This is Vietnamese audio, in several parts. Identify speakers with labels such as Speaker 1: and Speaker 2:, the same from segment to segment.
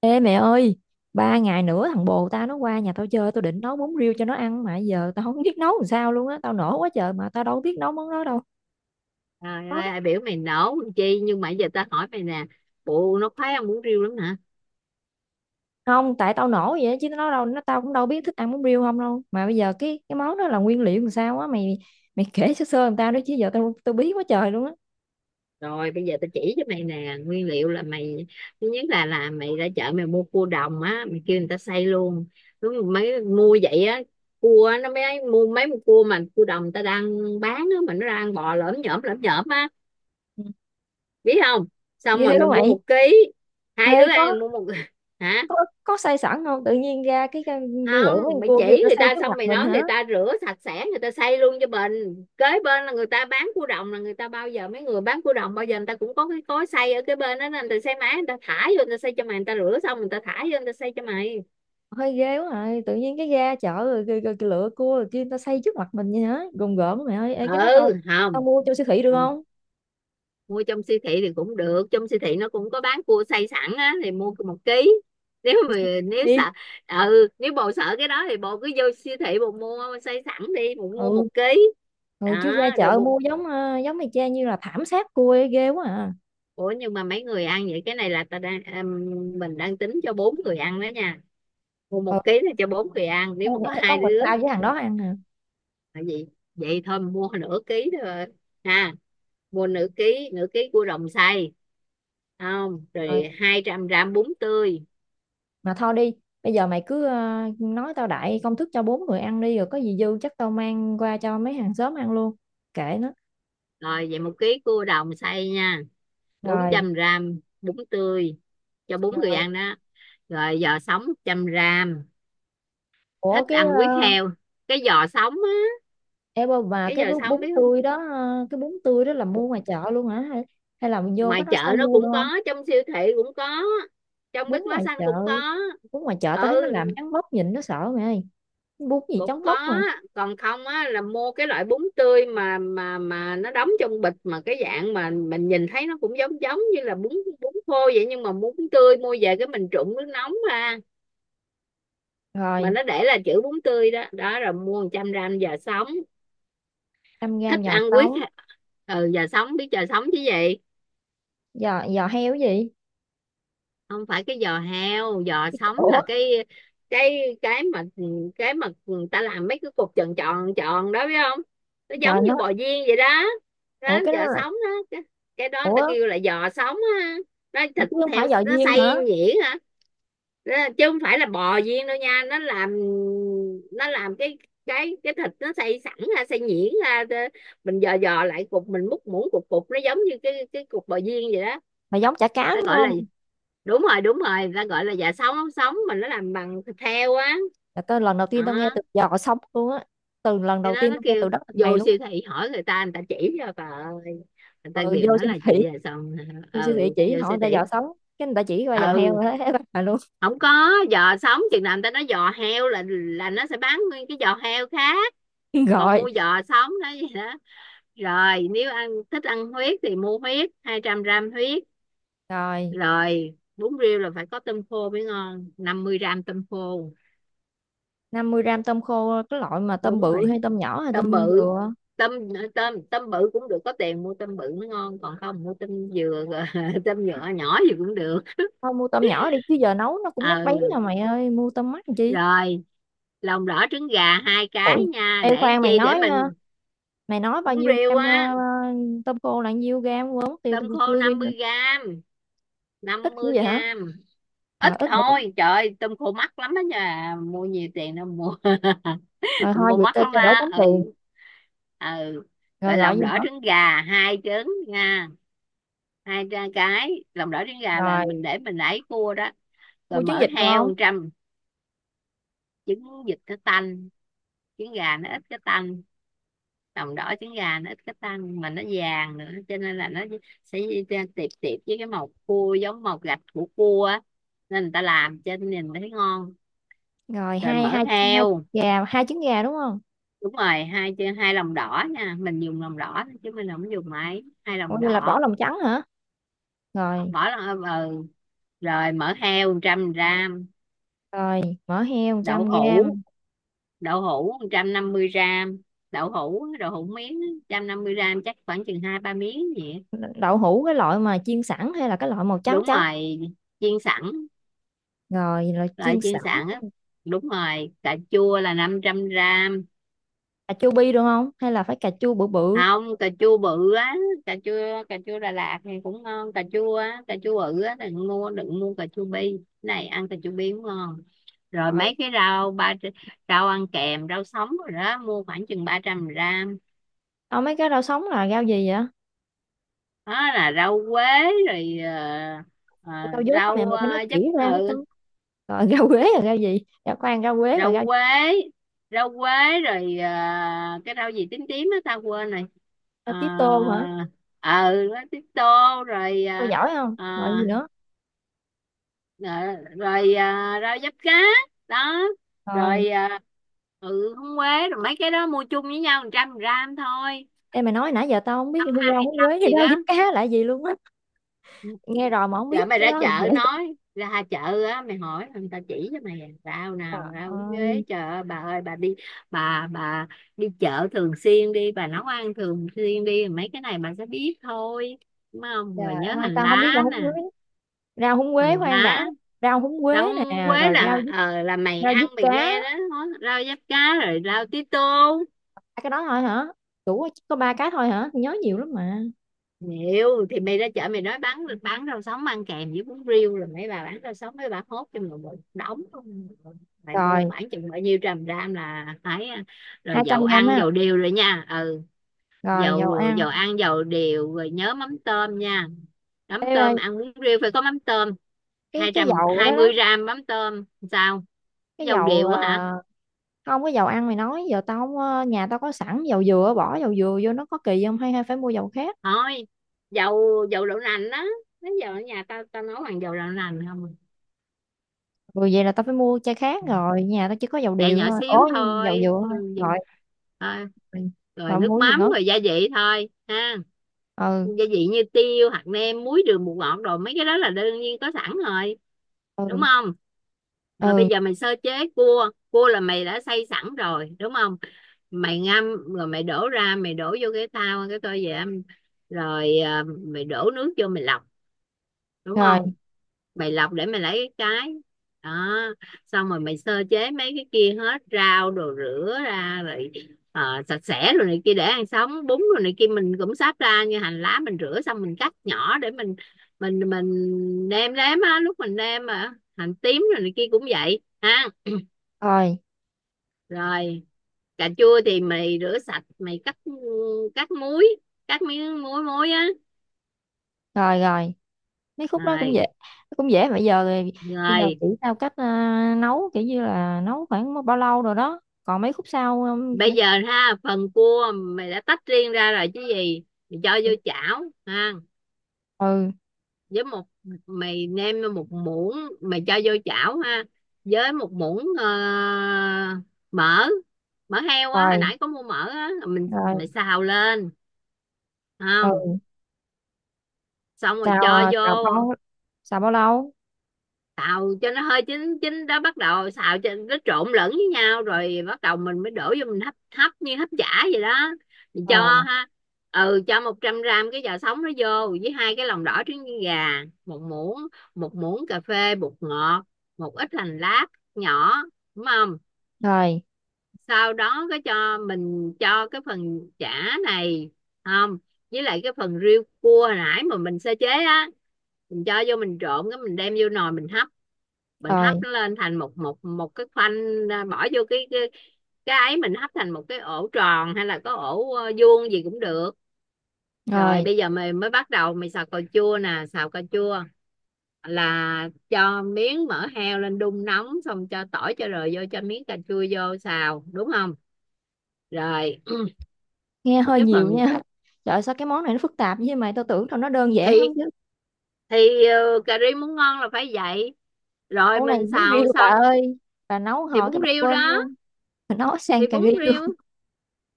Speaker 1: Ê mẹ ơi, 3 ngày nữa thằng bồ tao nó qua nhà tao chơi, tao định nấu bún riêu cho nó ăn mà giờ tao không biết nấu làm sao luôn á, tao nổ quá trời mà tao đâu biết nấu món đó đâu.
Speaker 2: Trời
Speaker 1: Nó-
Speaker 2: ơi, ai biểu mày nổ con chi, nhưng mà giờ tao hỏi mày nè, bộ nó khoái ăn bún riêu lắm hả?
Speaker 1: Không, tại tao nổ vậy á, chứ nó đâu, nó tao cũng đâu biết thích ăn bún riêu không đâu. Mà bây giờ cái món đó là nguyên liệu làm sao á, mày mày kể sơ sơ làm tao đó chứ giờ tao tao bí quá trời luôn á.
Speaker 2: Rồi bây giờ tao chỉ cho mày nè, nguyên liệu là mày thứ nhất là mày ra chợ mày mua cua đồng á, mày kêu người ta xay luôn. Đúng rồi, mấy mua vậy á. Cua á, nó mới mua mấy con cua mà cua đồng người ta đang bán á, mà nó đang bò lởm nhởm á,
Speaker 1: Ừ.
Speaker 2: biết không? Xong
Speaker 1: Ghê
Speaker 2: rồi
Speaker 1: quá
Speaker 2: mày mua
Speaker 1: mày.
Speaker 2: 1 kg. Hai
Speaker 1: Ê
Speaker 2: đứa ăn mua một hả?
Speaker 1: có có xay sẵn không? Tự nhiên ra cái lửa
Speaker 2: Không,
Speaker 1: mấy con
Speaker 2: mày
Speaker 1: cua kia người
Speaker 2: chỉ
Speaker 1: ta
Speaker 2: người
Speaker 1: xay
Speaker 2: ta
Speaker 1: trước
Speaker 2: xong
Speaker 1: mặt
Speaker 2: mày
Speaker 1: mình
Speaker 2: nói
Speaker 1: hả?
Speaker 2: người ta rửa sạch sẽ, người ta xây luôn cho mình. Kế bên là người ta bán cua đồng, là người ta bao giờ mấy người bán cua đồng bao giờ người ta cũng có cái cối xay ở cái bên đó, nên người ta xây máy, người ta thả vô, người ta xây cho mày, người ta rửa xong người ta thả vô người ta xây cho mày.
Speaker 1: Hơi ghê quá rồi tự nhiên cái ga chợ rồi, rồi, rồi, rồi lựa cua rồi kia người ta xây trước mặt mình vậy hả gồm gồm mày ơi. Ê,
Speaker 2: Ừ,
Speaker 1: cái đó tao tao
Speaker 2: không.
Speaker 1: mua cho siêu thị được
Speaker 2: Không,
Speaker 1: không?
Speaker 2: mua trong siêu thị thì cũng được, trong siêu thị nó cũng có bán cua xay sẵn á, thì mua 1 kg. Nếu
Speaker 1: Mua
Speaker 2: mà
Speaker 1: siêu thị
Speaker 2: nếu
Speaker 1: đi.
Speaker 2: sợ ừ, nếu bộ sợ cái đó thì bộ cứ vô siêu thị bộ mua xay sẵn đi, bồ mua
Speaker 1: Ừ,
Speaker 2: 1 kg.
Speaker 1: ừ, chứ
Speaker 2: Đó
Speaker 1: ra
Speaker 2: rồi
Speaker 1: chợ
Speaker 2: bộ.
Speaker 1: mua giống giống mày cha như là thảm sát cua ấy, ghê quá à.
Speaker 2: Ủa nhưng mà mấy người ăn vậy? Cái này là mình đang tính cho 4 người ăn đó nha. Mua
Speaker 1: Ừ,
Speaker 2: 1 kg là cho 4 người ăn, nếu
Speaker 1: thôi
Speaker 2: mà có
Speaker 1: vậy thôi,
Speaker 2: hai
Speaker 1: con mình
Speaker 2: đứa
Speaker 1: tao với thằng đó ăn à.
Speaker 2: là gì, vậy thôi mình mua 0,5 kg thôi. Ha, mua 0,5 kg 0,5 kg cua đồng xay. Không,
Speaker 1: Rồi
Speaker 2: rồi 200 gram bún tươi.
Speaker 1: mà thôi đi. Bây giờ mày cứ nói tao đại công thức cho 4 người ăn đi rồi có gì dư chắc tao mang qua cho mấy hàng xóm ăn luôn, kệ nó.
Speaker 2: Rồi vậy 1 kg cua đồng xay nha. bốn
Speaker 1: Rồi,
Speaker 2: trăm gram bún tươi cho bốn người
Speaker 1: rồi,
Speaker 2: ăn đó. Rồi giò sống 100 gram.
Speaker 1: ủa
Speaker 2: Thích
Speaker 1: cái
Speaker 2: ăn
Speaker 1: ờ,
Speaker 2: huyết heo. Cái giò sống á.
Speaker 1: Ê Bà,
Speaker 2: Cái
Speaker 1: cái
Speaker 2: giò
Speaker 1: bún
Speaker 2: sống,
Speaker 1: bún
Speaker 2: biết không?
Speaker 1: tươi đó cái bún tươi đó là mua ngoài chợ luôn hả, hay là mình vô
Speaker 2: Ngoài
Speaker 1: Bách Hóa
Speaker 2: chợ
Speaker 1: Xanh
Speaker 2: nó
Speaker 1: mua được
Speaker 2: cũng có,
Speaker 1: không?
Speaker 2: trong siêu thị cũng có, trong
Speaker 1: Bún ngoài
Speaker 2: Bách Hóa Xanh
Speaker 1: chợ,
Speaker 2: cũng có.
Speaker 1: bún ngoài chợ tao
Speaker 2: Ừ,
Speaker 1: thấy nó làm trắng bóc nhìn nó sợ mày ơi. Bún gì
Speaker 2: cũng
Speaker 1: trắng
Speaker 2: có.
Speaker 1: bóc mà.
Speaker 2: Còn không á là mua cái loại bún tươi mà mà nó đóng trong bịch, mà cái dạng mà mình nhìn thấy nó cũng giống giống như là bún, bún khô vậy, nhưng mà bún tươi mua về cái mình trụng nước nóng ra, mà
Speaker 1: Rồi
Speaker 2: nó để là chữ bún tươi đó đó. Rồi mua 100 gram giò sống.
Speaker 1: 100 gram
Speaker 2: Thích
Speaker 1: giò
Speaker 2: ăn quyết.
Speaker 1: sống.
Speaker 2: Ừ giò sống, biết giò sống chứ gì.
Speaker 1: Giò giò heo cái gì?
Speaker 2: Không phải cái giò heo, giò
Speaker 1: Cái
Speaker 2: sống
Speaker 1: ủa.
Speaker 2: là cái cái mà người ta làm mấy cái cục tròn tròn tròn đó, biết không? Nó giống
Speaker 1: Trời nó.
Speaker 2: như bò viên vậy đó.
Speaker 1: Ủa
Speaker 2: Đó,
Speaker 1: cái
Speaker 2: giò
Speaker 1: đó là.
Speaker 2: sống đó cái đó người ta
Speaker 1: ủa
Speaker 2: kêu là giò sống á. Nó
Speaker 1: ủa
Speaker 2: thịt
Speaker 1: chứ không phải
Speaker 2: heo
Speaker 1: giò
Speaker 2: nó
Speaker 1: viên hả?
Speaker 2: xay nhuyễn hả. Đó, chứ không phải là bò viên đâu nha. Nó làm, nó làm cái thịt nó xay sẵn ra, xay nhuyễn ra, mình dò dò lại cục, mình múc muỗng cục cục nó giống như cái cục bò viên vậy đó.
Speaker 1: Mà giống chả cá
Speaker 2: Ta
Speaker 1: đúng
Speaker 2: gọi là,
Speaker 1: không?
Speaker 2: đúng rồi đúng rồi, người ta gọi là dạ sống, ống sống, mà nó làm bằng thịt heo á.
Speaker 1: Là tao lần đầu tiên tao nghe
Speaker 2: Đó
Speaker 1: từ giò sống luôn á. Từ lần
Speaker 2: cái
Speaker 1: đầu
Speaker 2: đó
Speaker 1: tiên
Speaker 2: nó
Speaker 1: tao nghe
Speaker 2: kêu,
Speaker 1: từ đất từ mày
Speaker 2: vô
Speaker 1: luôn
Speaker 2: siêu
Speaker 1: á.
Speaker 2: thị hỏi người ta, người ta chỉ cho bà ơi. Người ta
Speaker 1: Ừ
Speaker 2: đều
Speaker 1: vô
Speaker 2: nói
Speaker 1: siêu
Speaker 2: là
Speaker 1: thị
Speaker 2: chị già sống.
Speaker 1: vô siêu thị
Speaker 2: Ừ
Speaker 1: chỉ
Speaker 2: vô
Speaker 1: hỏi
Speaker 2: siêu
Speaker 1: người ta
Speaker 2: thị.
Speaker 1: giò sống, cái người ta chỉ qua giò
Speaker 2: Ừ,
Speaker 1: heo thế bà luôn.
Speaker 2: không có giò sống chừng nào người ta nói, giò heo là nó sẽ bán nguyên cái giò heo khác. Còn
Speaker 1: Gọi.
Speaker 2: mua giò sống đó vậy đó. Rồi nếu ăn, thích ăn huyết thì mua huyết, 200 gram huyết.
Speaker 1: Rồi,
Speaker 2: Rồi bún riêu là phải có tôm khô mới ngon, 50 gram tôm khô.
Speaker 1: 50 gram tôm khô cái loại mà tôm
Speaker 2: Đúng
Speaker 1: bự
Speaker 2: rồi,
Speaker 1: hay tôm nhỏ hay
Speaker 2: tôm
Speaker 1: tôm
Speaker 2: bự.
Speaker 1: dừa.
Speaker 2: Tôm tôm tôm bự cũng được, có tiền mua tôm bự mới ngon, còn không mua tôm dừa. Rồi tôm nhựa nhỏ gì cũng được.
Speaker 1: Thôi mua tôm nhỏ đi chứ giờ nấu nó cũng nát bấy
Speaker 2: Ừ,
Speaker 1: rồi mày ơi, mua tôm mắt làm chi.
Speaker 2: rồi lòng đỏ trứng gà hai
Speaker 1: Ôi,
Speaker 2: cái nha,
Speaker 1: ê
Speaker 2: để làm
Speaker 1: khoan
Speaker 2: chi, để mình
Speaker 1: mày nói bao
Speaker 2: muốn
Speaker 1: nhiêu
Speaker 2: riêu
Speaker 1: gram
Speaker 2: á.
Speaker 1: tôm khô là nhiêu gram, quên mất tiêu
Speaker 2: Tôm
Speaker 1: tôi
Speaker 2: khô
Speaker 1: chưa ghi nữa.
Speaker 2: 50 gram, năm
Speaker 1: Ít như
Speaker 2: mươi
Speaker 1: vậy hả?
Speaker 2: gram
Speaker 1: Rồi
Speaker 2: Ít
Speaker 1: ít rồi, đúng.
Speaker 2: thôi, trời ơi, tôm khô mắc lắm đó nha, mua nhiều tiền đâu mua
Speaker 1: Rồi
Speaker 2: tôm
Speaker 1: thôi
Speaker 2: khô
Speaker 1: vậy
Speaker 2: mắc
Speaker 1: cho,
Speaker 2: lắm
Speaker 1: cho đỡ tốn
Speaker 2: á,
Speaker 1: tiền.
Speaker 2: ừ, ừ.
Speaker 1: Rồi
Speaker 2: Rồi
Speaker 1: gọi
Speaker 2: lòng
Speaker 1: gì
Speaker 2: đỏ
Speaker 1: nữa?
Speaker 2: trứng gà 2 trứng nha. Hai ra cái lòng đỏ trứng gà là
Speaker 1: Rồi,
Speaker 2: mình để mình ấy cua đó. Rồi
Speaker 1: mua trứng
Speaker 2: mỡ
Speaker 1: vịt được
Speaker 2: heo
Speaker 1: không?
Speaker 2: 100. Trứng vịt cái tanh, trứng gà nó ít cái tanh. Lòng đỏ trứng gà nó ít cái tanh mà nó vàng nữa, cho nên là nó sẽ tiệp tiệp với cái màu cua, giống màu gạch của cua á. Nên người ta làm cho nhìn thấy ngon.
Speaker 1: Rồi,
Speaker 2: Rồi
Speaker 1: hai hai
Speaker 2: mỡ heo.
Speaker 1: hai trứng gà đúng không?
Speaker 2: Đúng rồi, hai, 2 lòng đỏ nha, mình dùng lòng đỏ thôi chứ mình không dùng máy, hai
Speaker 1: Ủa
Speaker 2: lòng
Speaker 1: vậy là bỏ
Speaker 2: đỏ
Speaker 1: lòng trắng hả? Rồi,
Speaker 2: Bỏ lon, ừ. Rồi mỡ heo 100 gram.
Speaker 1: rồi, mỡ heo một
Speaker 2: Đậu
Speaker 1: trăm g
Speaker 2: hũ, đậu hũ 150 gram. Đậu hũ, đậu hũ miếng á, 150 gram chắc khoảng chừng 2 3 miếng vậy.
Speaker 1: Đậu hũ cái loại mà chiên sẵn hay là cái loại màu trắng
Speaker 2: Đúng
Speaker 1: trắng?
Speaker 2: rồi, chiên sẵn.
Speaker 1: Rồi là
Speaker 2: Loại
Speaker 1: chiên
Speaker 2: chiên
Speaker 1: sẵn.
Speaker 2: sẵn á. Đúng rồi, cà chua là 500 gram.
Speaker 1: Cà chua bi được không hay là phải cà chua bự bự?
Speaker 2: Không, cà chua bự á. Cà chua Đà Lạt thì cũng ngon, cà chua á, cà chua bự á, đừng mua cà chua bi. Cái này ăn cà chua bi cũng ngon. Rồi
Speaker 1: Rồi
Speaker 2: mấy cái rau, ba rau ăn kèm, rau sống rồi đó, mua khoảng chừng 300 gram.
Speaker 1: tao mấy cái rau sống là rau gì vậy?
Speaker 2: Đó là rau quế. Rồi ờ,
Speaker 1: Để tao dốt đó
Speaker 2: rau
Speaker 1: mẹ mày phải nói
Speaker 2: giấm,
Speaker 1: kỹ
Speaker 2: ừ.
Speaker 1: ra mới tao. Rồi rau quế là rau gì? Rau khoan, rau quế rồi
Speaker 2: rau
Speaker 1: rau.
Speaker 2: quế rau quế rồi cái rau gì tím tím á, tao quên rồi.
Speaker 1: Rau
Speaker 2: Ờ,
Speaker 1: tía tô hả?
Speaker 2: ừ tía tô. Rồi
Speaker 1: Tao giỏi không?
Speaker 2: ờ,
Speaker 1: Rồi gì nữa?
Speaker 2: Ờ, rồi à, rau diếp cá. Đó
Speaker 1: Rồi
Speaker 2: rồi à, ừ húng quế. Rồi mấy cái đó mua chung với nhau 100 gram thôi.
Speaker 1: em mày nói nãy giờ tao không biết
Speaker 2: Ăn,
Speaker 1: rau húng
Speaker 2: ăn
Speaker 1: quế,
Speaker 2: gì
Speaker 1: rau
Speaker 2: đó.
Speaker 1: diếp cá là gì luôn á. Nghe rồi mà không biết
Speaker 2: Rồi mày
Speaker 1: cái
Speaker 2: ra
Speaker 1: đó là dễ.
Speaker 2: chợ nói, ra chợ á, mày hỏi người ta chỉ cho mày, à, rau nào
Speaker 1: Trời
Speaker 2: rau húng quế,
Speaker 1: ơi,
Speaker 2: trời ơi, bà ơi, bà đi, bà đi chợ thường xuyên đi, bà nấu ăn thường xuyên đi, mấy cái này bà sẽ biết thôi. Đúng không? Rồi
Speaker 1: trời
Speaker 2: nhớ
Speaker 1: ơi
Speaker 2: hành
Speaker 1: tao không biết rau
Speaker 2: lá nè.
Speaker 1: húng quế. Rau húng quế
Speaker 2: Hành
Speaker 1: khoan
Speaker 2: lá.
Speaker 1: đã. Rau húng
Speaker 2: Rau
Speaker 1: quế
Speaker 2: húng
Speaker 1: nè,
Speaker 2: quế
Speaker 1: rồi rau
Speaker 2: là
Speaker 1: diếp-
Speaker 2: ờ là mày
Speaker 1: rau diếp
Speaker 2: ăn mày
Speaker 1: cá.
Speaker 2: nghe đó. Rau diếp cá. Rồi rau tí tô.
Speaker 1: Ba cái đó thôi hả? Chỉ có ba cái thôi hả? Tôi nhớ nhiều lắm mà.
Speaker 2: Nhiều thì mày ra chợ mày nói bán rau sống ăn kèm với bún riêu, rồi mấy bà bán rau sống mấy bà hốt cho mình một đống luôn. Mày mua
Speaker 1: Rồi
Speaker 2: khoảng chừng bao nhiêu trăm gram là phải à.
Speaker 1: hai
Speaker 2: Rồi
Speaker 1: trăm
Speaker 2: dầu
Speaker 1: gram
Speaker 2: ăn
Speaker 1: ha.
Speaker 2: dầu điều rồi nha, ừ.
Speaker 1: Rồi dầu
Speaker 2: dầu
Speaker 1: ăn.
Speaker 2: dầu ăn dầu điều rồi, nhớ mắm tôm nha. Mắm tôm,
Speaker 1: cái
Speaker 2: ăn bún riêu phải có mắm tôm.
Speaker 1: cái,
Speaker 2: hai
Speaker 1: cái
Speaker 2: trăm
Speaker 1: dầu đó
Speaker 2: hai
Speaker 1: đó.
Speaker 2: mươi gram mắm tôm. Sao?
Speaker 1: Cái
Speaker 2: Dầu
Speaker 1: dầu
Speaker 2: điều á hả?
Speaker 1: không cái dầu ăn mày nói giờ tao không, nhà tao có sẵn dầu dừa, bỏ dầu dừa vô nó có kỳ không, hay hay phải mua dầu khác?
Speaker 2: Thôi, dầu, dầu đậu nành đó. Nó giờ ở nhà tao tao nấu bằng dầu đậu nành không.
Speaker 1: Ừ, vậy là tao phải mua chai khác
Speaker 2: À,
Speaker 1: rồi nhà tao chỉ có dầu
Speaker 2: dạ
Speaker 1: điều
Speaker 2: nhỏ
Speaker 1: thôi
Speaker 2: xíu
Speaker 1: ố. Dầu dừa
Speaker 2: thôi,
Speaker 1: thôi.
Speaker 2: ừ, vậy
Speaker 1: Rồi,
Speaker 2: thôi.
Speaker 1: rồi,
Speaker 2: Rồi
Speaker 1: rồi
Speaker 2: nước
Speaker 1: mua gì
Speaker 2: mắm,
Speaker 1: nữa?
Speaker 2: rồi gia vị thôi ha.
Speaker 1: Ừ,
Speaker 2: Gia vị như tiêu, hạt nêm, muối, đường, bột ngọt, rồi mấy cái đó là đương nhiên có sẵn rồi. Đúng
Speaker 1: ừ,
Speaker 2: không? Rồi bây
Speaker 1: ừ.
Speaker 2: giờ mày sơ chế. Cua cua là mày đã xay sẵn rồi, đúng không? Mày ngâm rồi mày đổ ra, mày đổ vô cái thau, cái tô vậy, rồi à, mày đổ nước vô mày lọc, đúng
Speaker 1: Rồi,
Speaker 2: không? Mày lọc để mày lấy cái đó. Xong rồi mày sơ chế mấy cái kia hết, rau đồ rửa ra rồi sạch sẽ rồi, này kia để ăn sống bún rồi này kia, mình cũng sắp ra, như hành lá mình rửa xong mình cắt nhỏ để mình mình nêm nếm á lúc mình nêm, mà hành tím rồi này kia cũng vậy ha.
Speaker 1: rồi,
Speaker 2: Rồi cà chua thì mày rửa sạch mày cắt, cắt muối cắt miếng, muối muối á.
Speaker 1: rồi, rồi mấy khúc đó cũng
Speaker 2: Rồi
Speaker 1: dễ. Cũng dễ mà bây giờ thì bây giờ
Speaker 2: rồi.
Speaker 1: chỉ tao cách nấu kiểu như là nấu khoảng bao lâu rồi đó còn mấy khúc sau.
Speaker 2: Bây giờ ha, phần cua mày đã tách riêng ra rồi chứ gì. Mày cho vô chảo ha,
Speaker 1: Ừ,
Speaker 2: với một, mày nêm một muỗng, mày cho vô chảo ha với một muỗng mỡ, mỡ heo á, hồi
Speaker 1: rồi
Speaker 2: nãy có mua mỡ á,
Speaker 1: rồi.
Speaker 2: mày xào lên.
Speaker 1: Ừ
Speaker 2: Không, xong rồi
Speaker 1: xào
Speaker 2: cho vô.
Speaker 1: xào bao lâu?
Speaker 2: Xào cho nó hơi chín chín đó, bắt đầu xào cho nó trộn lẫn với nhau, rồi bắt đầu mình mới đổ vô mình hấp, hấp như hấp chả vậy đó. Mình
Speaker 1: Ờ,
Speaker 2: cho ha, ừ, cho 100 gram cái giò sống nó vô với 2 cái lòng đỏ trứng gà, một muỗng cà phê bột ngọt, một ít hành lá nhỏ, đúng không?
Speaker 1: rồi
Speaker 2: Sau đó cái cho mình cho cái phần chả này, không, với lại cái phần riêu cua hồi nãy mà mình sơ chế á, mình cho vô mình trộn, cái mình đem vô nồi mình hấp, mình
Speaker 1: rồi
Speaker 2: hấp nó lên thành một một một cái khoanh, à, bỏ vô cái ấy mình hấp thành một cái ổ tròn, hay là có ổ vuông gì cũng được. Rồi
Speaker 1: rồi.
Speaker 2: bây giờ mình mới bắt đầu mình xào cà chua nè. Xào cà chua là cho miếng mỡ heo lên đun nóng, xong cho tỏi cho rồi vô, cho miếng cà chua vô xào, đúng không? Rồi
Speaker 1: Nghe hơi
Speaker 2: cái
Speaker 1: nhiều
Speaker 2: phần,
Speaker 1: nha trời ơi, sao cái món này nó phức tạp vậy mà tao tưởng tao nó đơn giản lắm
Speaker 2: thi
Speaker 1: chứ.
Speaker 2: cà ri muốn ngon là phải vậy. Rồi
Speaker 1: Món này
Speaker 2: mình
Speaker 1: vốn ghi
Speaker 2: xào
Speaker 1: bà
Speaker 2: xong,
Speaker 1: ơi. Bà nấu
Speaker 2: thì
Speaker 1: hồi cái
Speaker 2: bún
Speaker 1: bà
Speaker 2: riêu
Speaker 1: quên
Speaker 2: đó,
Speaker 1: luôn. Bà nấu
Speaker 2: thì
Speaker 1: sang cà
Speaker 2: bún
Speaker 1: ri luôn.
Speaker 2: riêu,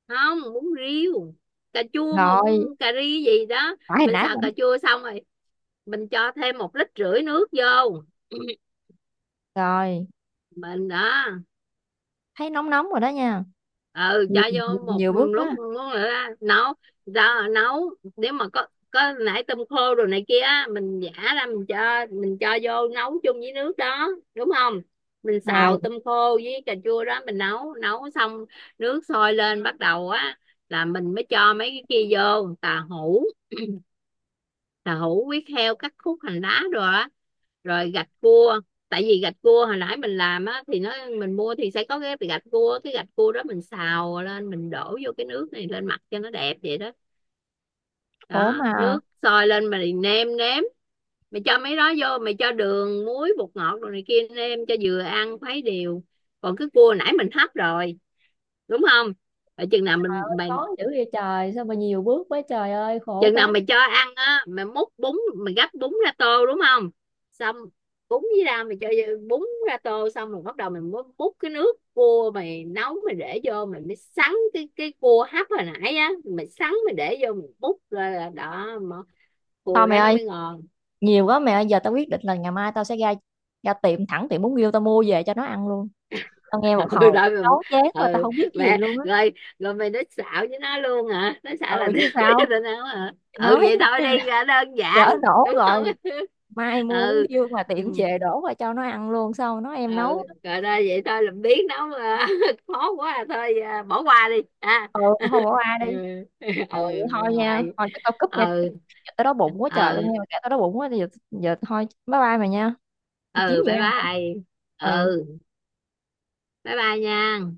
Speaker 2: không bún riêu cà chua mà
Speaker 1: Rồi
Speaker 2: bún cà ri gì đó.
Speaker 1: phải hồi
Speaker 2: Mình
Speaker 1: nãy
Speaker 2: xào
Speaker 1: bà.
Speaker 2: cà chua xong rồi mình cho thêm 1,5 lít nước vô
Speaker 1: Rồi
Speaker 2: mình đó.
Speaker 1: thấy nóng nóng rồi đó nha.
Speaker 2: Ừ cho
Speaker 1: Nhiều nhiều
Speaker 2: vô một
Speaker 1: nhiều bước
Speaker 2: lúc
Speaker 1: quá.
Speaker 2: muốn là nấu ra, nấu nếu mà có nãy tôm khô rồi này kia á, mình giả ra mình cho, mình cho vô nấu chung với nước đó, đúng không? Mình
Speaker 1: Rồi
Speaker 2: xào tôm khô với cà chua đó, mình nấu, nấu xong nước sôi lên bắt đầu á là mình mới cho mấy cái kia vô, tàu hũ tàu hũ, huyết heo cắt khúc, hành lá rồi á, rồi gạch cua. Tại vì gạch cua hồi nãy mình làm á, thì nó mình mua thì sẽ có cái gạch cua, cái gạch cua đó mình xào lên mình đổ vô cái nước này lên mặt cho nó đẹp vậy đó.
Speaker 1: khổ
Speaker 2: Đó
Speaker 1: mà.
Speaker 2: nước sôi lên mày nêm nếm, mày cho mấy đó vô, mày cho đường, muối, bột ngọt rồi này kia, nêm cho vừa ăn khuấy đều. Còn cái cua nãy mình hấp rồi, đúng không? Rồi chừng nào mình, mày,
Speaker 1: Khó dữ vậy trời, sao mà nhiều bước quá trời ơi khổ
Speaker 2: chừng nào
Speaker 1: quá.
Speaker 2: mày cho ăn á, mày múc bún, mày gắp bún ra tô, đúng không? Xong bún với ra mày cho bún ra tô xong, rồi bắt đầu mày múc, múc cái nước cua mày nấu, mày để vô, mày mới sắn cái cua hấp hồi nãy á, mày sắn mày để vô, mày múc ra là đó mà,
Speaker 1: Thôi
Speaker 2: cua
Speaker 1: mẹ
Speaker 2: đó nó
Speaker 1: ơi,
Speaker 2: mới ngon.
Speaker 1: nhiều quá mẹ ơi, giờ tao quyết định là ngày mai tao sẽ ra ra tiệm thẳng tiệm bún riêu tao mua về cho nó ăn luôn. Tao nghe một
Speaker 2: Ừ,
Speaker 1: hồi
Speaker 2: đó,
Speaker 1: tao chán chán mà
Speaker 2: mày,
Speaker 1: tao
Speaker 2: ừ,
Speaker 1: không biết cái gì
Speaker 2: mẹ
Speaker 1: luôn á.
Speaker 2: rồi. Rồi mày nói xạo với nó luôn hả, nó
Speaker 1: Ừ
Speaker 2: xạo là nước
Speaker 1: chứ
Speaker 2: với
Speaker 1: sao.
Speaker 2: tao nấu hả. Ừ
Speaker 1: Nói
Speaker 2: vậy thôi
Speaker 1: chứ
Speaker 2: đi
Speaker 1: là
Speaker 2: ra đơn giản,
Speaker 1: lỡ đổ
Speaker 2: đúng
Speaker 1: rồi.
Speaker 2: không?
Speaker 1: Mai mua bún
Speaker 2: Ừ,
Speaker 1: riêu mà tiệm
Speaker 2: ừ,
Speaker 1: về đổ qua cho nó ăn luôn sao nó
Speaker 2: ừ.
Speaker 1: em nấu.
Speaker 2: Rồi thôi, vậy thôi làm biến nấu à, khó quá à, thôi à, bỏ qua đi ha
Speaker 1: Ừ, không bỏ ai
Speaker 2: ừ,
Speaker 1: đi. Ừ vậy
Speaker 2: ừ.
Speaker 1: thôi nha,
Speaker 2: Rồi,
Speaker 1: thôi chắc tao cúp nha.
Speaker 2: ừ,
Speaker 1: Giờ tao đói bụng quá trời tao
Speaker 2: ừ,
Speaker 1: nghe mà kể tao đói bụng quá giờ giờ thôi bye bye mày nha. Đi kiếm
Speaker 2: ừ
Speaker 1: gì
Speaker 2: bye
Speaker 1: ăn hả?
Speaker 2: bye.
Speaker 1: Ừ.
Speaker 2: Ừ, bye bye nha.